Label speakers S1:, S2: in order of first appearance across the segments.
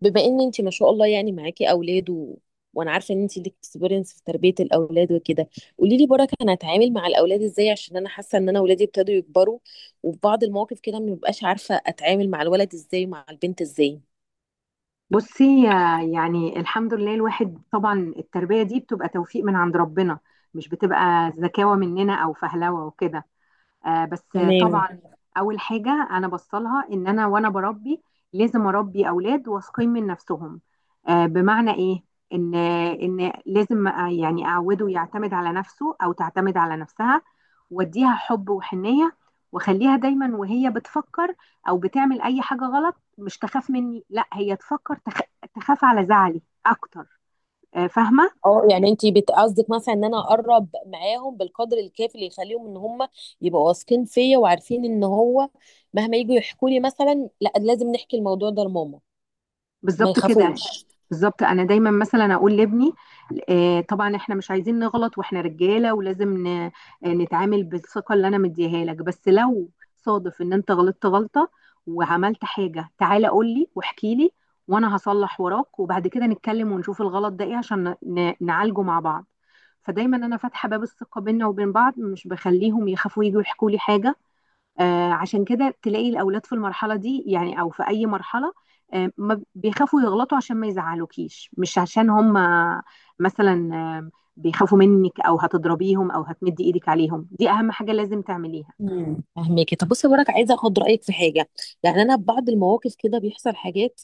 S1: بما ان انت ما شاء الله يعني معاكي اولاد وانا عارفه ان انت ليك اكسبيرينس في تربيه الاولاد وكده. قولي لي بركه، انا هتعامل مع الاولاد ازاي؟ عشان انا حاسه ان انا اولادي ابتدوا يكبروا، وفي بعض المواقف كده ما ببقاش عارفه اتعامل مع الولد ازاي ومع البنت ازاي.
S2: بصي يعني الحمد لله، الواحد طبعا التربية دي بتبقى توفيق من عند ربنا، مش بتبقى زكاوة مننا أو فهلوة وكده. آه، بس.
S1: تمام.
S2: طبعا، اول حاجه انا بصلها ان انا وانا بربي لازم اربي اولاد واثقين من نفسهم. بمعنى ايه؟ ان لازم يعني اعوده يعتمد على نفسه او تعتمد على نفسها، واديها حب وحنيه، واخليها دايما وهي بتفكر او بتعمل اي حاجه غلط مش تخاف مني، لا هي تفكر تخاف على زعلي اكتر. آه، فاهمه.
S1: اه يعني انت قصدك مثلا ان انا اقرب معاهم بالقدر الكافي اللي يخليهم ان هم يبقوا واثقين فيا وعارفين ان هو مهما يجوا يحكوا لي، مثلا لا لازم نحكي الموضوع ده لماما. ما
S2: بالظبط كده يعني.
S1: يخافوش.
S2: بالظبط انا دايما مثلا اقول لابني طبعا احنا مش عايزين نغلط واحنا رجاله، ولازم نتعامل بالثقه اللي انا مديها لك. بس لو صادف ان انت غلطت غلطه وعملت حاجه، تعالى قول لي واحكي لي، وانا هصلح وراك وبعد كده نتكلم ونشوف الغلط ده ايه عشان نعالجه مع بعض. فدايما انا فاتحه باب الثقه بيننا وبين بعض، مش بخليهم يخافوا يجوا يحكوا لي حاجه. عشان كده تلاقي الأولاد في المرحلة دي يعني أو في أي مرحلة ما بيخافوا يغلطوا عشان ما يزعلوكيش، مش عشان هم مثلا بيخافوا منك أو هتضربيهم أو هتمدي إيدك عليهم. دي أهم حاجة لازم تعمليها.
S1: فهماكي. طب بصي، وراك عايزه اخد رايك في حاجه. يعني انا ببعض المواقف كده بيحصل حاجات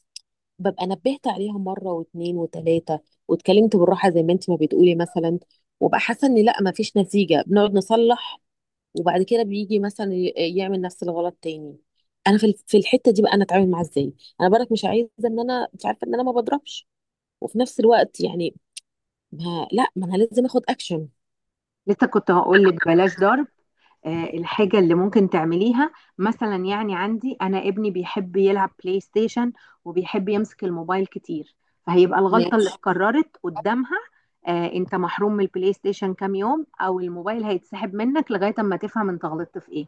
S1: ببقى نبهت عليها مره واثنين وثلاثه، واتكلمت بالراحه زي ما انت ما بتقولي مثلا، وبقى حاسه ان لا ما فيش نتيجه، بنقعد نصلح وبعد كده بيجي مثلا يعمل نفس الغلط تاني. انا في الحته دي بقى انا اتعامل معاه ازاي؟ انا برك مش عايزه ان انا، مش عارفه، ان انا ما بضربش، وفي نفس الوقت يعني ما انا لازم اخد اكشن.
S2: لسه كنت هقول لك بلاش ضرب. الحاجة اللي ممكن تعمليها مثلا، يعني عندي أنا ابني بيحب يلعب بلاي ستيشن وبيحب يمسك الموبايل كتير، فهيبقى الغلطة اللي اتكررت قدامها أنت محروم من البلاي ستيشن كام يوم، أو الموبايل هيتسحب منك لغاية أما تفهم أنت غلطت في إيه.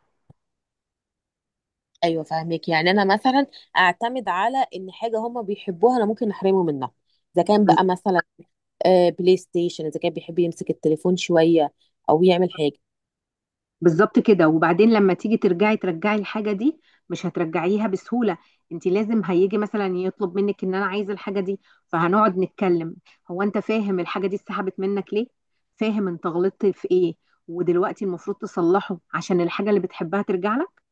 S1: ايوه فاهمك. يعني انا مثلا اعتمد على ان حاجه هم بيحبوها انا ممكن احرمه منها. اذا كان بقى مثلا بلاي ستيشن، اذا كان بيحب يمسك التليفون شويه او يعمل حاجه.
S2: بالظبط كده. وبعدين لما تيجي ترجعي الحاجة دي مش هترجعيها بسهولة، انت لازم هيجي مثلا يطلب منك ان انا عايز الحاجة دي، فهنقعد نتكلم: هو انت فاهم الحاجة دي اتسحبت منك ليه؟ فاهم انت غلطت في ايه؟ ودلوقتي المفروض تصلحه عشان الحاجة اللي بتحبها ترجع لك.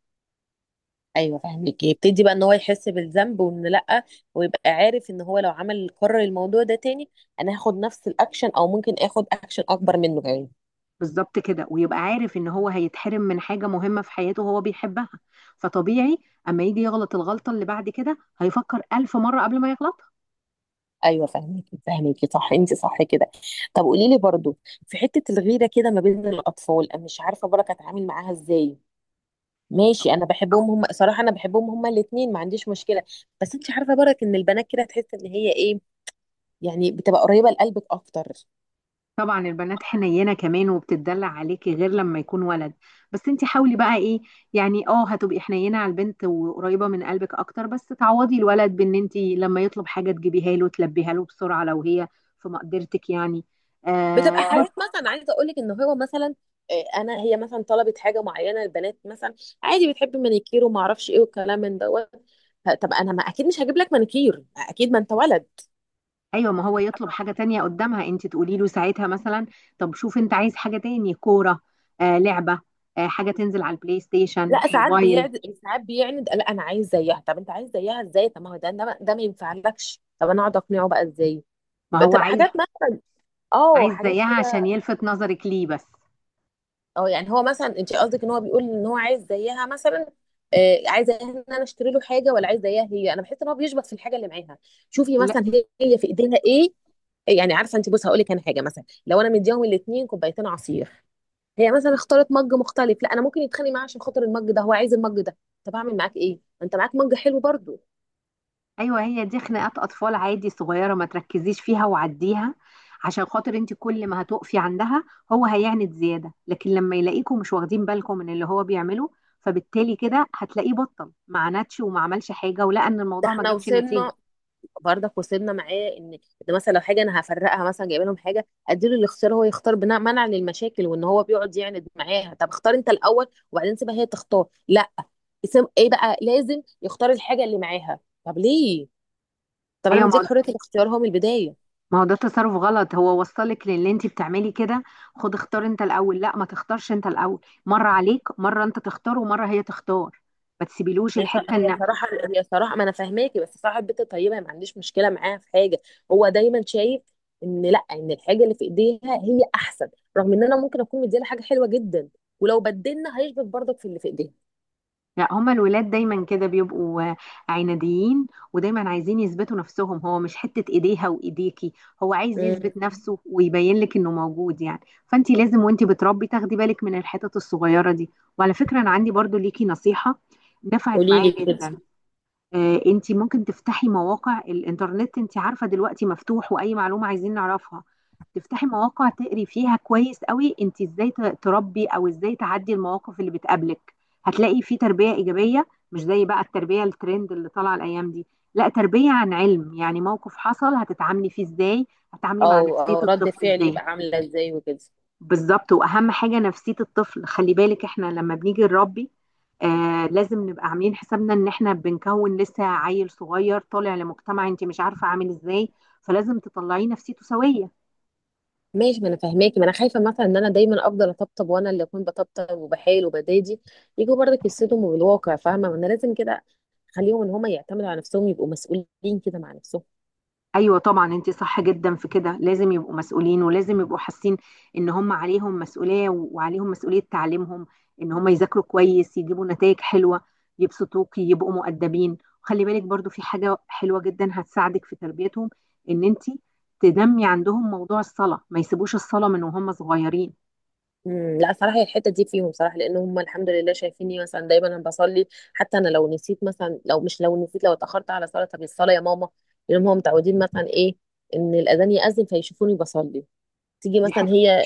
S1: ايوه فاهمك، يبتدي بقى ان هو يحس بالذنب، وان لا، ويبقى عارف ان هو لو عمل قرر الموضوع ده تاني انا هاخد نفس الاكشن، او ممكن اخد اكشن اكبر منه كمان.
S2: بالظبط كده، ويبقى عارف ان هو هيتحرم من حاجة مهمة في حياته هو بيحبها، فطبيعي اما يجي يغلط الغلطة اللي بعد كده هيفكر ألف مرة قبل ما يغلطها.
S1: ايوه فاهمك، صح انت صح كده. طب قولي لي برضو، في حته الغيره كده ما بين الاطفال، انا مش عارفه بركه اتعامل معاها ازاي. ماشي، انا بحبهم هم صراحه، انا بحبهم هما الاثنين، ما عنديش مشكله. بس انت عارفه برك ان البنات كده تحس ان هي ايه، يعني بتبقى قريبه لقلبك اكتر.
S2: طبعا البنات حنينه كمان وبتتدلع عليكي غير لما يكون ولد، بس انت حاولي بقى ايه، يعني اه هتبقي حنينه على البنت وقريبه من قلبك اكتر، بس تعوضي الولد بان انت لما يطلب حاجه تجيبيها له، تلبيها له بسرعه لو هي في مقدرتك يعني.
S1: بتبقى
S2: آه
S1: اه
S2: بر-
S1: حاجات مثلا عايزه اقول لك ان هو مثلا، انا، هي مثلا طلبت حاجه معينه، البنات مثلا عادي بتحب مانيكير وما اعرفش ايه والكلام من دوت. طب انا ما اكيد مش هجيب لك مانيكير، اكيد ما انت ولد.
S2: ايوه، ما هو يطلب حاجه تانية قدامها انت تقولي له ساعتها مثلا: طب شوف انت عايز حاجه تاني، كوره، لعبه، حاجه تنزل على البلاي ستيشن،
S1: لا ساعات
S2: موبايل.
S1: بيعند، لا انا عايز زيها. طب انت عايز زيها ازاي؟ طب ما هو ده، ده ما ينفعلكش. طب انا اقعد اقنعه بقى ازاي؟
S2: ما هو
S1: بتبقى
S2: عايز
S1: حاجات مثلا، اه
S2: عايز
S1: حاجات
S2: زيها عشان
S1: كده.
S2: يلفت نظرك ليه بس.
S1: اه يعني هو مثلا، انت قصدك ان هو بيقول ان هو عايز زيها مثلا؟ آه، عايز زيها ان انا اشتري له حاجه، ولا عايز زيها هي؟ انا بحس ان هو بيشبط في الحاجه اللي معاها. شوفي مثلا، هي في ايديها ايه، يعني عارفه. انت بص هقول لك، انا حاجه مثلا لو انا مديهم الاثنين كوبايتين عصير، هي مثلا اختارت مج مختلف، لا انا ممكن يتخانق معاه عشان خاطر المج ده، هو عايز المج ده. طب اعمل معاك ايه؟ ما انت معاك مج حلو برضو.
S2: ايوه، هي دي خناقات اطفال عادي صغيره، ما تركزيش فيها وعديها. عشان خاطر انت كل ما هتقفي عندها هو هيعند زياده، لكن لما يلاقيكم مش واخدين بالكم من اللي هو بيعمله، فبالتالي كده هتلاقيه بطل، ما عندش وما عملش حاجه ولقى ان
S1: ده
S2: الموضوع ما
S1: احنا
S2: جابش نتيجه.
S1: وصلنا، برضك وصلنا معاه ان، ان مثلا لو حاجه انا هفرقها، مثلا جايبه لهم حاجه اديله الاختيار هو يختار بناء منعا للمشاكل. وان هو بيقعد يعند معاها، طب اختار انت الاول وبعدين سيبها هي تختار؟ لا، اسم ايه بقى، لازم يختار الحاجه اللي معاها. طب ليه؟ طب انا
S2: ايوه، ما
S1: مديك
S2: هو
S1: حريه الاختيار هو من البدايه.
S2: ما هو ده تصرف غلط هو وصلك للي انت بتعملي كده. خد، اختار انت الاول، لا، ما تختارش انت الاول. مره عليك، مره انت تختار ومره هي تختار، ما تسيبيلوش الحته
S1: هي
S2: ان...
S1: صراحه، هي صراحه، ما انا فاهماكي، بس صاحب بيت طيبه، ما عنديش مشكله معاها في حاجه. هو دايما شايف ان لا، ان الحاجه اللي في ايديها هي احسن، رغم ان انا ممكن اكون مديها حاجه حلوه جدا. ولو بدلنا هيشبك برضك في اللي في ايديها.
S2: لا، هما الولاد دايما كده بيبقوا عناديين، ودايما عايزين يثبتوا نفسهم. هو مش حتة ايديها وايديكي، هو عايز
S1: مم.
S2: يثبت نفسه ويبين لك انه موجود يعني. فانت لازم وانت بتربي تاخدي بالك من الحتت الصغيرة دي. وعلى فكرة، انا عندي برضو ليكي نصيحة، نفعت
S1: قولي
S2: معايا
S1: لي كده.
S2: جدا. انت ممكن تفتحي مواقع الانترنت، انت عارفه دلوقتي مفتوح واي معلومه عايزين نعرفها، تفتحي مواقع تقري فيها كويس قوي انت ازاي تربي او ازاي تعدي المواقف اللي بتقابلك. هتلاقي في تربيه ايجابيه، مش زي بقى التربيه الترند اللي طالعه الايام دي، لا، تربيه عن علم، يعني موقف حصل هتتعاملي فيه ازاي، هتتعاملي مع
S1: او
S2: نفسيه
S1: او رد
S2: الطفل
S1: فعلي
S2: ازاي.
S1: يبقى عامله ازاي وكده.
S2: بالظبط. واهم حاجه نفسيه الطفل، خلي بالك احنا لما بنيجي نربي لازم نبقى عاملين حسابنا ان احنا بنكون لسه عيل صغير طالع لمجتمع انت مش عارفه عامل ازاي، فلازم تطلعيه نفسيته سويه.
S1: ماشي، ما انا فاهماكي. ما انا خايفه مثلا ان انا دايما افضل اطبطب، وانا اللي اكون بطبطب وبحايل وبدادي، يجوا برضك يصدموا بالواقع. فاهمه؟ ما انا لازم كده اخليهم ان هم يعتمدوا على نفسهم، يبقوا مسؤولين كده مع نفسهم.
S2: ايوه طبعا، انت صح جدا في كده، لازم يبقوا مسؤولين ولازم يبقوا حاسين ان هم عليهم مسؤوليه، وعليهم مسؤوليه تعليمهم، ان هم يذاكروا كويس، يجيبوا نتائج حلوه، يبسطوك، يبقوا مؤدبين. خلي بالك برضو في حاجه حلوه جدا هتساعدك في تربيتهم، ان انت تنمي عندهم موضوع الصلاه، ما يسيبوش الصلاه من وهم صغيرين.
S1: لا صراحه هي الحته دي فيهم صراحه، لان هم الحمد لله شايفيني مثلا دايما انا بصلي. حتى انا لو نسيت مثلا، لو مش لو نسيت، لو اتاخرت على صلاه، طب الصلاه يا ماما. لان هم متعودين مثلا ايه، ان الاذان ياذن فيشوفوني بصلي. تيجي
S2: دي
S1: مثلا
S2: حاجه.
S1: هي،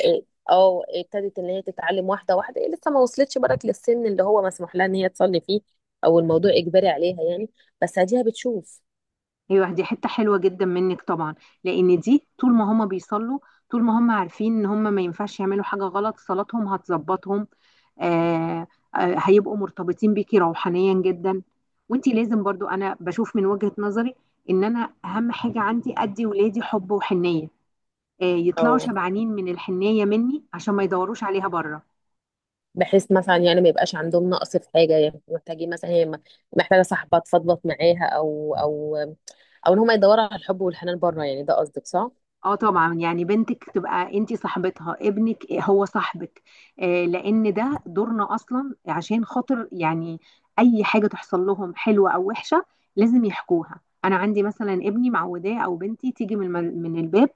S1: اه ابتدت ان هي تتعلم واحده واحده. هي لسه ما وصلتش برك للسن اللي هو مسموح لها ان هي تصلي فيه، او الموضوع اجباري عليها يعني، بس اديها بتشوف.
S2: ايوه دي حته حلوه جدا منك طبعا، لان دي طول ما هم بيصلوا، طول ما هم عارفين ان هم ما ينفعش يعملوا حاجه غلط، صلاتهم هتظبطهم. آه هيبقوا مرتبطين بيكي روحانيا جدا. وانتي لازم برضو، انا بشوف من وجهه نظري ان انا اهم حاجه عندي ادي ولادي حب وحنيه، يطلعوا
S1: او
S2: شبعانين من الحنيه مني عشان ما يدوروش عليها بره.
S1: بحيث مثلا يعني ما يبقاش عندهم نقص في حاجه، يعني محتاجين مثلا، محتاجه صاحبه تفضفض معاها، او او، او ان هم يدوروا على الحب والحنان بره، يعني ده قصدك صح؟
S2: اه طبعا، يعني بنتك تبقى انت صاحبتها، ابنك هو صاحبك، لان ده دورنا اصلا، عشان خاطر يعني اي حاجه تحصل لهم حلوه او وحشه لازم يحكوها. انا عندي مثلا ابني معوداه، او بنتي تيجي من من الباب،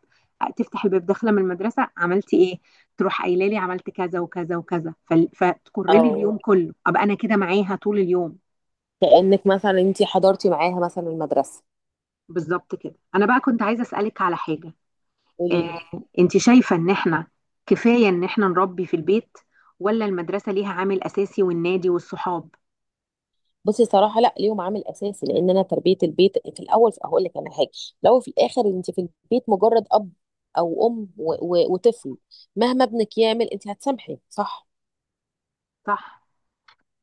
S2: تفتح الباب داخله من المدرسه، عملتي ايه؟ تروح قايله لي عملت كذا وكذا وكذا، فتكر لي
S1: او
S2: اليوم كله، ابقى انا كده معاها طول اليوم.
S1: كانك مثلا انت حضرتي معاها مثلا المدرسه.
S2: بالظبط كده. انا بقى كنت عايزه اسالك على حاجه،
S1: قولي لي.
S2: آه، انت شايفة ان احنا كفاية ان احنا نربي في البيت، ولا المدرسة ليها عامل اساسي والنادي والصحاب؟
S1: بصي صراحه لا، ليهم عامل اساسي، لان انا تربيه البيت في الاول هقول لك انا حاجه، لو في الاخر انت في البيت مجرد اب او ام وطفل، مهما ابنك يعمل انت هتسامحي، صح؟
S2: صح.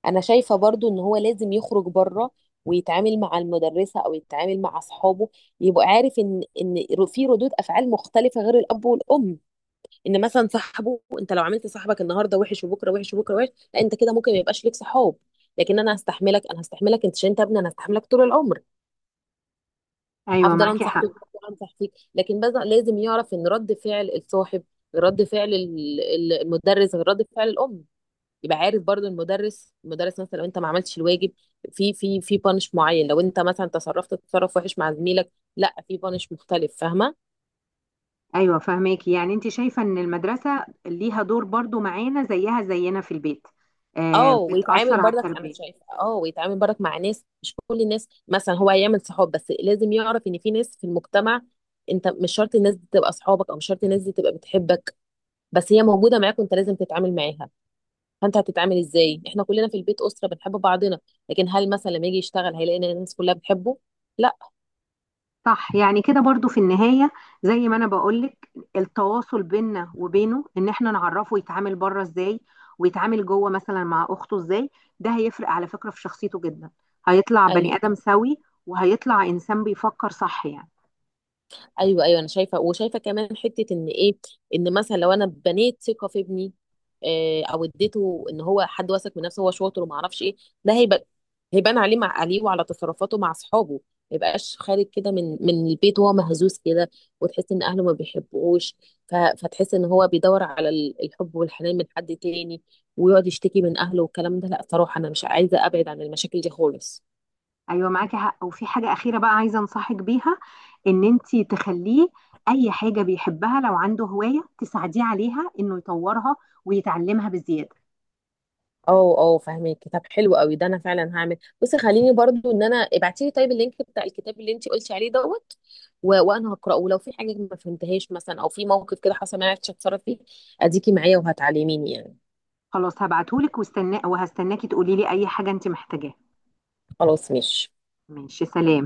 S1: انا شايفه برضو ان هو لازم يخرج بره، ويتعامل مع المدرسه، او يتعامل مع اصحابه، يبقى عارف ان في ردود افعال مختلفه غير الاب والام. ان مثلا صاحبه، انت لو عملت صاحبك النهارده وحش، وبكره وحش، وبكره وحش، لا انت كده ممكن ما يبقاش ليك صحاب. لكن انا هستحملك، انا هستحملك انت، عشان انت ابني انا هستحملك طول العمر.
S2: ايوه
S1: هفضل
S2: معاكي
S1: انصح
S2: حق.
S1: فيك هفضل انصح فيك لكن، بس لازم يعرف ان رد فعل الصاحب غير رد فعل المدرس، غير رد فعل الام. يبقى عارف برضو المدرس، المدرس مثلا لو انت ما عملتش الواجب في في بانش معين، لو انت مثلا تصرفت تصرف وحش مع زميلك لا في بانش مختلف، فاهمه؟
S2: ايوه فهماكي، يعني انت شايفة ان المدرسة ليها دور برضو معانا زيها زينا في البيت،
S1: اه ويتعامل
S2: بتأثر على
S1: برضك، انا
S2: التربية.
S1: شايفه اه، ويتعامل برضك مع ناس. مش كل الناس مثلا هو هيعمل صحاب، بس لازم يعرف ان في ناس في المجتمع انت مش شرط الناس دي تبقى اصحابك، او مش شرط الناس دي تبقى بتحبك، بس هي موجوده معاك وانت لازم تتعامل معاها. فانت هتتعامل ازاي؟ احنا كلنا في البيت اسره بنحب بعضنا، لكن هل مثلا لما يجي يشتغل هيلاقي ان الناس كلها بتحبه؟ لا.
S2: صح، يعني كده برضو في النهاية زي ما أنا بقولك التواصل بيننا وبينه، إن إحنا نعرفه يتعامل بره إزاي ويتعامل جوه مثلا مع أخته إزاي، ده هيفرق على فكرة في شخصيته جدا، هيطلع بني
S1: أيوه.
S2: آدم سوي وهيطلع إنسان بيفكر صح يعني.
S1: ايوه ايوه انا شايفه، وشايفه كمان حته ان ايه، ان مثلا لو انا بنيت ثقه في ابني، او اديته ان هو حد واثق من نفسه، هو شاطر وما اعرفش ايه، ده هيبقى، هيبان عليه، مع عليه وعلى تصرفاته مع اصحابه. ما يبقاش خارج كده من البيت وهو مهزوز كده، وتحس ان اهله ما بيحبوش، فتحس ان هو بيدور على الحب والحنان من حد تاني، ويقعد يشتكي من اهله والكلام ده. لا صراحه انا مش عايزه ابعد عن المشاكل دي خالص.
S2: أيوة معاكي حق. وفي حاجة أخيرة بقى عايزة أنصحك بيها، إن أنتي تخليه أي حاجة بيحبها، لو عنده هواية تساعديه عليها إنه يطورها ويتعلمها بزيادة.
S1: اه اه فاهمك، طب حلو قوي ده، انا فعلا هعمل. بصي خليني برضو، ان انا ابعتي لي طيب اللينك بتاع الكتاب اللي انت قلتي عليه دوت، وانا هقراه، ولو في حاجه ما فهمتهاش مثلا، او في موقف كده حصل ما عرفتش اتصرف فيه، اديكي معايا وهتعلميني يعني.
S2: خلاص، هبعتهولك وهستناكي تقولي لي أي حاجة أنتي محتاجاها.
S1: خلاص ماشي.
S2: ماشي، سلام.